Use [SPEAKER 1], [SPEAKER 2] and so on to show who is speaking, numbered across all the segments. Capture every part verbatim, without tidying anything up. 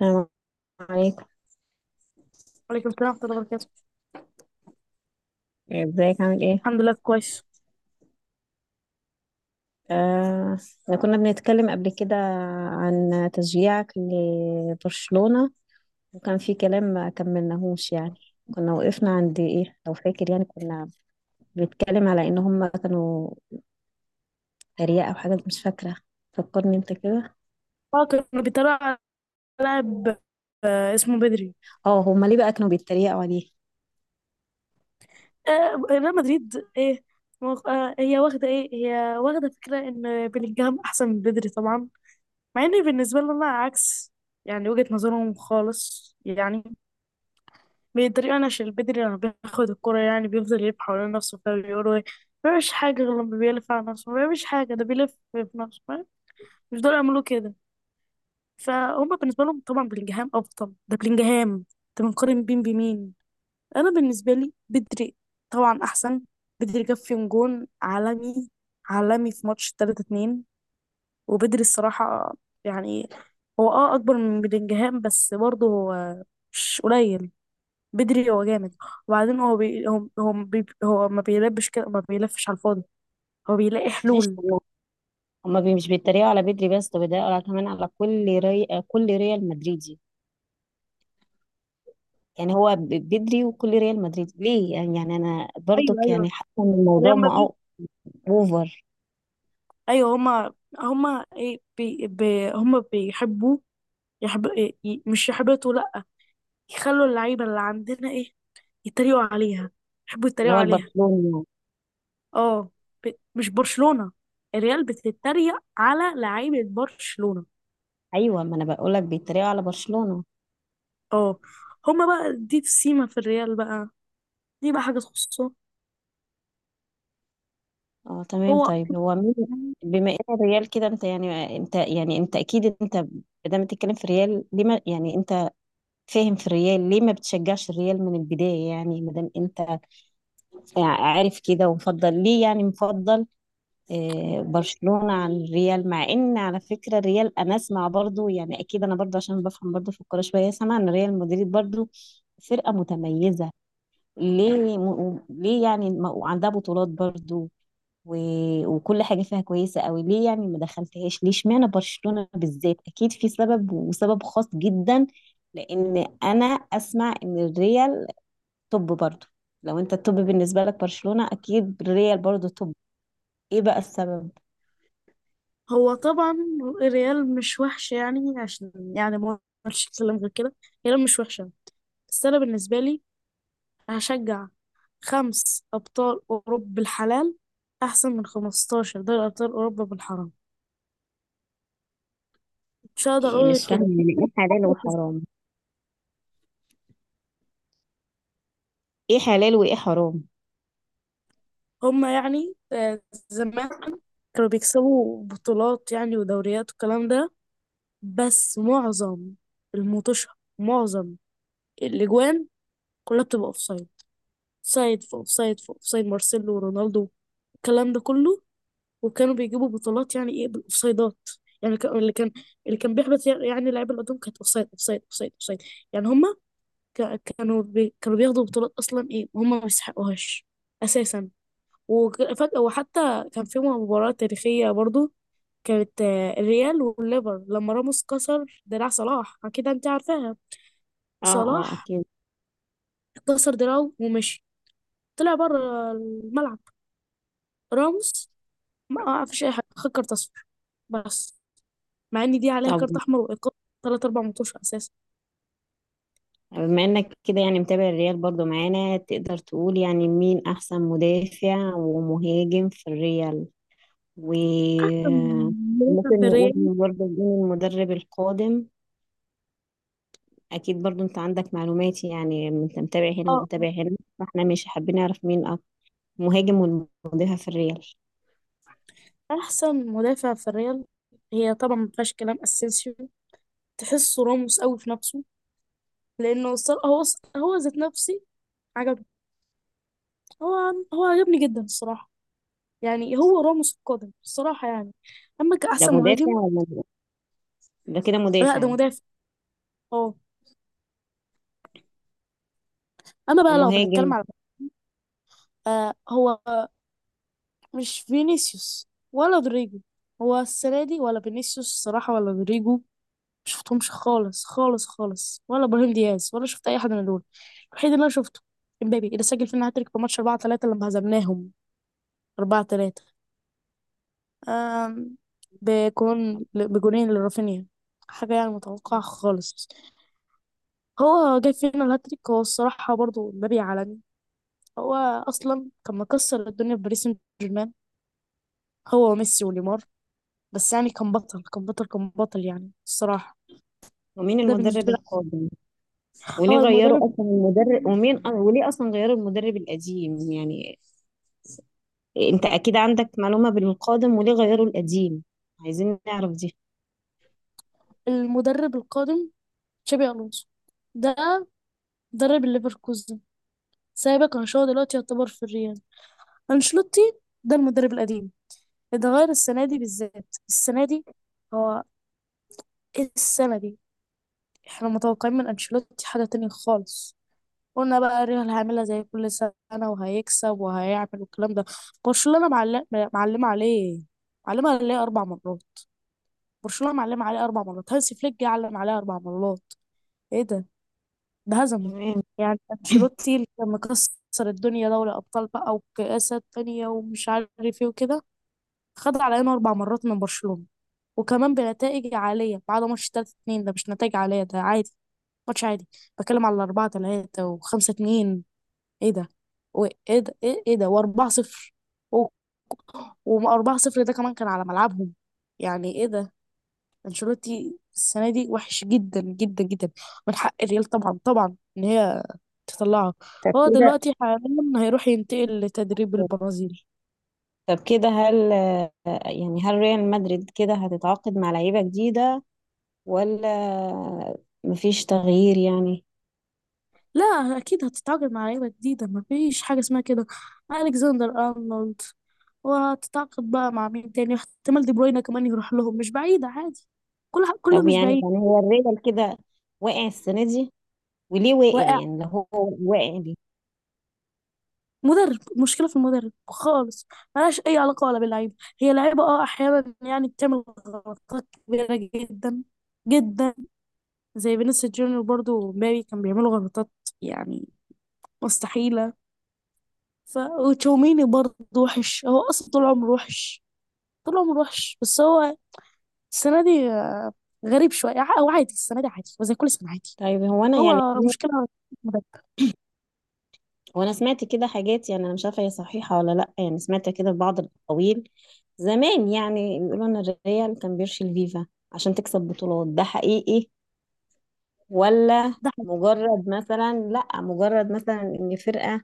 [SPEAKER 1] السلام عليكم.
[SPEAKER 2] وعليكم السلام ورحمة الله وبركاته.
[SPEAKER 1] ازيك، عامل ايه؟
[SPEAKER 2] الحمد لله، كويس.
[SPEAKER 1] آه احنا كنا بنتكلم قبل كده عن تشجيعك لبرشلونة، وكان في كلام ما كملناهوش يعني. كنا وقفنا عند ايه لو فاكر؟ يعني كنا بنتكلم على ان هم كانوا تريقة او حاجة، مش فاكرة، فكرني انت كده.
[SPEAKER 2] اه، كانوا بيتريقوا على لاعب، آه، اسمه بدري.
[SPEAKER 1] اه، هم ليه بقى كانوا بيتريقوا عليه؟
[SPEAKER 2] آه، ريال مدريد ايه، مغ- آه، هي واخدة ايه هي واخدة فكرة ان بلينجهام احسن من بدري طبعا، مع ان بالنسبة لنا عكس. يعني وجهة نظرهم خالص، يعني بيتريقوا انا عشان بدري لما بياخد الكرة يعني بيفضل يلف حوالين نفسه، فبيقولوا ايه، ما بيعملش حاجة غير لما بيلف على نفسه، ما بيعملش حاجة، ده بيلف في نفسه، فاهم؟ مش دول يعملوا كده. فهم بالنسبه لهم طبعا بلينجهام افضل، ده بلينجهام. انت بنقارن بين بمين؟ انا بالنسبه لي بدري طبعا احسن. بدري جاب فيهم جون عالمي، عالمي في ماتش تلاتة اتنين. وبدري الصراحه، يعني هو اه اكبر من بلينجهام، بس برضه هو مش قليل. بدري هو جامد. وبعدين هو بي... هو هو, بي... هو ما بيلبش كده، ما بيلفش على الفاضي، هو بيلاقي
[SPEAKER 1] ماشي.
[SPEAKER 2] حلول.
[SPEAKER 1] هما هما بي- مش بيتريقوا على بدري بس، ده بيتريقوا على كمان على كل ري... كل ريال مدريدي. يعني هو ب- بدري وكل ريال مدريد، ليه؟ يعني يعني انا
[SPEAKER 2] ايوه،
[SPEAKER 1] برضك
[SPEAKER 2] ايوه،
[SPEAKER 1] يعني حاسه ان الموضوع
[SPEAKER 2] ريال
[SPEAKER 1] ما
[SPEAKER 2] مدريد.
[SPEAKER 1] اوفر.
[SPEAKER 2] ايوه، هما هما ايه بي... بي... هما بيحبوا، يحب... إيه، ي- مش يحبطوا، لا، يخلوا اللعيبة اللي عندنا ايه يتريقوا عليها، يحبوا
[SPEAKER 1] اللي
[SPEAKER 2] يتريقوا
[SPEAKER 1] هو
[SPEAKER 2] عليها.
[SPEAKER 1] البرشلونه.
[SPEAKER 2] اه، ب... مش برشلونة، الريال بتتريق على لعيبة برشلونة.
[SPEAKER 1] ايوه، ما انا بقول لك بيتريقوا على برشلونه.
[SPEAKER 2] اه، هما بقى دي السيمة في الريال بقى، دي بقى حاجة تخصه.
[SPEAKER 1] اه تمام.
[SPEAKER 2] هو
[SPEAKER 1] طيب هو مين؟ بما ان الريال كده، انت يعني انت يعني انت اكيد انت ما بتتكلم في الريال ليه؟ ما يعني انت فاهم في الريال، ليه ما بتشجعش الريال من البدايه؟ يعني ما دام انت يعني عارف كده، ومفضل ليه يعني مفضل آه، برشلونة عن الريال؟ مع ان على فكرة الريال انا اسمع برضو، يعني اكيد انا برضو عشان بفهم برضو في الكورة شوية، سامعة ان ريال مدريد برضو فرقة متميزة. ليه م... و- ليه يعني ما- وعندها بطولات برضو، و... وكل حاجة فيها كويسة قوي، ليه يعني ما دخلتهاش؟ ليه اشمعنى برشلونة بالذات؟ اكيد في سبب، وسبب خاص جدا. لان انا اسمع ان الريال توب برضو، لو انت التوب بالنسبة لك برشلونة، اكيد الريال برضو توب. ايه بقى السبب؟
[SPEAKER 2] هو طبعا الريال مش وحش، يعني عشان يعني ما اقدرش اتكلم غير كده. الريال مش وحشة، بس انا بالنسبة لي هشجع خمس أبطال أوروبا بالحلال أحسن من خمستاشر دوري أبطال أوروبا بالحرام. مش هقدر
[SPEAKER 1] إيه،
[SPEAKER 2] أقول غير
[SPEAKER 1] مش فاهمة
[SPEAKER 2] كده.
[SPEAKER 1] يعني ايه حلال وحرام؟ ايه حلال وايه حرام؟
[SPEAKER 2] هما يعني، آه، زمان كانوا بيكسبوا بطولات يعني، ودوريات والكلام ده، بس معظم الموتوشة، معظم الأجوان كلها بتبقى أوفسايد، سايد في أوفسايد، في أوفسايد مارسيلو ورونالدو، الكلام ده كله. وكانوا بيجيبوا بطولات يعني إيه بالأوفسايدات، يعني كان- اللي كان اللي كان بيحبط، يعني اللعيبه اللي قدام كانت اوفسايد اوفسايد اوفسايد اوفسايد. يعني هم، ك- كانوا بي... كانوا بياخدوا بطولات اصلا ايه، وهم ما يستحقوهاش اساسا. وفجأة، وحتى كان في مباراة تاريخية برضو، كانت آه، الريال والليفر لما راموس كسر دراع صلاح، اكيد انت عارفاها.
[SPEAKER 1] اه، اه،
[SPEAKER 2] صلاح
[SPEAKER 1] اكيد.
[SPEAKER 2] كسر دراعه ومشي، طلع بره الملعب. راموس، ما فيش اي حاجه، خد كارت اصفر بس، مع ان دي عليها
[SPEAKER 1] طب
[SPEAKER 2] كارت احمر وايقاف ثلاث اربع ماتش اساسا.
[SPEAKER 1] بما انك كده يعني متابع الريال برضو معانا، تقدر تقول يعني مين احسن مدافع ومهاجم في الريال؟ و
[SPEAKER 2] أحسن مدافع
[SPEAKER 1] ممكن
[SPEAKER 2] في
[SPEAKER 1] نقول
[SPEAKER 2] الريال
[SPEAKER 1] برضو مين المدرب القادم؟ اكيد برضو انت عندك معلومات، يعني انت متابع هنا
[SPEAKER 2] اه
[SPEAKER 1] ومتابع هنا، فاحنا مش حابين نعرف مين أك- مهاجم والمدافع في الريال.
[SPEAKER 2] احسن مدافع في الريال هي طبعا، ما فيهاش كلام، اسينسيو. تحسه راموس قوي في نفسه، لانه الصرا- هو هو ذات نفسي عجبني، هو هو عجبني جدا الصراحه، يعني هو راموس القادم الصراحه يعني. اما
[SPEAKER 1] ده
[SPEAKER 2] كاحسن
[SPEAKER 1] مدافع
[SPEAKER 2] مهاجم،
[SPEAKER 1] ولا ده كده
[SPEAKER 2] لا ده
[SPEAKER 1] مدافع
[SPEAKER 2] مدافع، اه. اما بقى لو
[SPEAKER 1] ومهاجم؟
[SPEAKER 2] بنتكلم على، آه هو آه، مش فينيسيوس ولا رودريجو، هو السنه دي، ولا فينيسيوس الصراحه، ولا رودريجو، مشفتهمش خالص خالص خالص، ولا ابراهيم دياز، ولا شفت اي حد من دول. الوحيد اللي انا شفته امبابي، اللي سجل فينا هاتريك في ماتش اربعة تلاتة لما هزمناهم اربعة تلاتة، آم، بجون بجونين لرافينيا، حاجة يعني متوقعة خالص. هو جاب فينا الهاتريك، هو الصراحة برضو مبابي عالمي، هو أصلا كان مكسر الدنيا في باريس سان جيرمان، هو وميسي ونيمار. بس يعني كان بطل، كان بطل، كان بطل يعني الصراحة.
[SPEAKER 1] ومين
[SPEAKER 2] ده
[SPEAKER 1] المدرب
[SPEAKER 2] بالنسبة لي،
[SPEAKER 1] القادم؟ وليه
[SPEAKER 2] اه
[SPEAKER 1] غيروا
[SPEAKER 2] المدرب
[SPEAKER 1] اصلا المدرب؟ ومين أه، وليه اصلا غيروا المدرب القديم يعني؟ انت اكيد عندك معلومة بالقادم وليه غيروا القديم، عايزين نعرف دي.
[SPEAKER 2] المدرب القادم تشابي ألونسو، ده مدرب الليفركوزن، سايبك أنشيلوتي دلوقتي يعتبر في الريال. أنشيلوتي ده المدرب القديم، اتغير السنة دي بالذات، السنة دي هو ايه السنة دي؟ احنا متوقعين من انشيلوتي حاجة تانية خالص، قلنا بقى ريال هيعملها زي كل سنة، وهيكسب وهيعمل والكلام ده. برشلونة معلم معلمة عليه، معلمة عليه أربع مرات، برشلونة معلمة عليه أربع مرات، هانسي فليك جه علم عليه أربع مرات، ايه ده، ده هزمه.
[SPEAKER 1] تمام.
[SPEAKER 2] يعني انشيلوتي اللي كان مكسر الدنيا دوري أبطال بقى، وكأسات تانية ومش عارف ايه وكده، خد علينا أربع مرات من برشلونة، وكمان بنتائج عالية بعد ماتش تلاتة اتنين. ده مش نتائج عالية، ده عادي، ماتش عادي. بتكلم على اربعة تلاتة و5 2، ايه ده، وايه ده، ايه، إيه ده، و4 0، و4 0 ده كمان كان على ملعبهم. يعني ايه ده، انشيلوتي السنة دي وحش جدا جدا جدا، من حق الريال طبعا طبعا ان هي تطلعه.
[SPEAKER 1] طب
[SPEAKER 2] هو
[SPEAKER 1] كده
[SPEAKER 2] دلوقتي حاليا هيروح ينتقل لتدريب البرازيل.
[SPEAKER 1] طب كده هل آه، يعني هل ريال مدريد كده هتتعاقد مع لعيبة جديدة، ولا مفيش تغيير يعني؟
[SPEAKER 2] لا، اكيد هتتعاقد مع لعيبه جديده، ما فيش حاجه اسمها كده، الكسندر ارنولد، وهتتعاقد بقى مع مين تاني، احتمال دي بروينا كمان يروح لهم، مش بعيده، عادي، كل ح- كله
[SPEAKER 1] لو
[SPEAKER 2] مش
[SPEAKER 1] يعني
[SPEAKER 2] بعيد.
[SPEAKER 1] يعني هو الريال كده واقع السنة دي، وليه واقع؟
[SPEAKER 2] واقع،
[SPEAKER 1] يعني لو هو واقع ليه؟
[SPEAKER 2] مدرب، مشكله في المدرب خالص، ملهاش اي علاقه ولا باللعيبه. هي لعيبه اه احيانا يعني بتعمل غلطات كبيره جدا جدا، زي فينيسيوس جونيور برضو ومبابي كان بيعملوا غلطات، يعني مستحيله. ف وتشاوميني برضو وحش، هو اصلا طول عمره وحش، طول عمره وحش، بس هو السنة دي غريب شوية، ع- هو عادي السنة دي عادي وزي كل سنة عادي.
[SPEAKER 1] طيب هو انا يعني
[SPEAKER 2] هو مشكلة مدرب.
[SPEAKER 1] وانا سمعت كده حاجات، يعني انا مش عارفه هي صحيحه ولا لا، يعني سمعت كده في بعض الاقاويل زمان، يعني بيقولوا ان الريال كان بيرشي الفيفا عشان تكسب بطولات، ده حقيقي ولا
[SPEAKER 2] ده حقيقي.
[SPEAKER 1] مجرد مثلا؟ لا، مجرد مثلا ان فرقه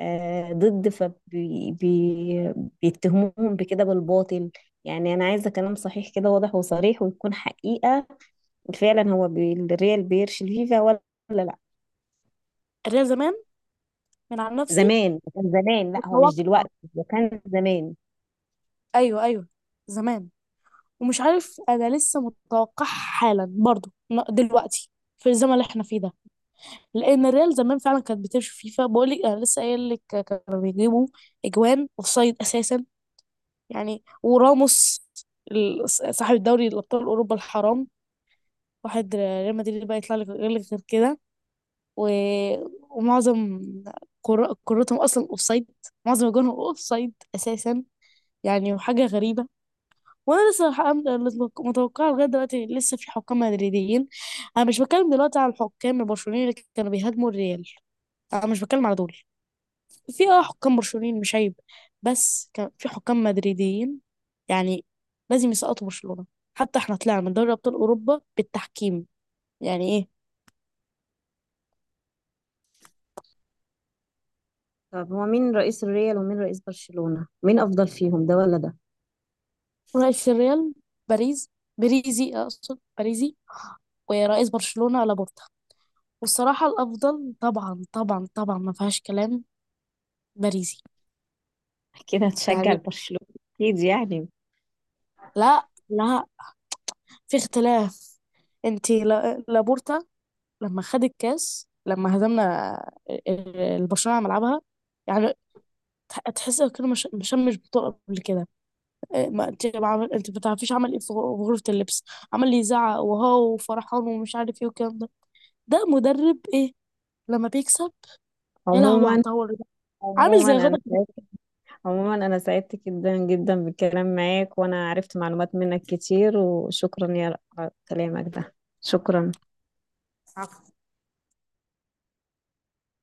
[SPEAKER 1] آه، ضد فبي بي بيتهموهم بكده بالباطل؟ يعني انا عايزه كلام صحيح كده، واضح وصريح ويكون حقيقه. فعلا هو بي الريال بيرشي الفيفا ولا لا؟
[SPEAKER 2] الريال زمان، من عن نفسي
[SPEAKER 1] زمان، كان زمان، لا هو مش
[SPEAKER 2] متوقع.
[SPEAKER 1] دلوقتي، ده كان زمان.
[SPEAKER 2] أيوه، أيوه، زمان، ومش عارف، أنا لسه متوقع حالا برضه، ن- دلوقتي في الزمن اللي احنا فيه ده. لأن الريال زمان فعلا كانت بتمشي فيفا، بقول لك، أنا لسه قايل لك كانوا بيجيبوا أجوان أوفسايد أساسا، يعني وراموس ال- صاحب الدوري الأبطال أوروبا الحرام. واحد ريال مدريد بقى يطلع لك غير لك غير كده، و... ومعظم كرة- كرتهم اصلا اوفسايد، معظم اجوانهم اوفسايد اساسا. يعني وحاجه غريبه، وانا لسه الحق- متوقعه لغايه دلوقتي، لسه في حكام مدريديين. انا مش بتكلم دلوقتي على الحكام البرشلونيين اللي كانوا بيهاجموا الريال، انا مش بتكلم على دول. في اه حكام برشلونيين مش عيب، بس كان في حكام مدريديين، يعني لازم يسقطوا برشلونه، حتى احنا طلعنا من دوري ابطال اوروبا بالتحكيم، يعني ايه.
[SPEAKER 1] طب هو مين رئيس الريال ومين رئيس برشلونة؟ مين افضل فيهم، ده ولا ده؟
[SPEAKER 2] رئيس الريال باريس بريزي، اقصد باريزي، ورئيس برشلونة لابورتا، والصراحة الافضل طبعا طبعا طبعا ما فيهاش كلام، باريزي،
[SPEAKER 1] كده هتشجع
[SPEAKER 2] يعني.
[SPEAKER 1] البرشلونة اكيد يعني.
[SPEAKER 2] لا لا، في اختلاف. انت لا- لابورتا لما خد الكاس لما هزمنا البرشلونة على ملعبها، يعني تح- تحس كده، مش مش مش بطولة قبل كده. إيه، ما انت ما عمل- انت ما تعرفيش عمل ايه في غ- في غرفة اللبس، عمال يزعق وهو وفرحان، ومش عارف ايه والكلام ده. ده مدرب ايه لما بيكسب، يا لهوي على
[SPEAKER 1] عموما،
[SPEAKER 2] الطاوله ده، عامل
[SPEAKER 1] عموما
[SPEAKER 2] زي
[SPEAKER 1] انا سعيد،
[SPEAKER 2] غضب.
[SPEAKER 1] عموما انا سعدت جدا جدا بالكلام معاك، وانا عرفت معلومات منك كتير، وشكرا يا على كلامك ده. شكرا.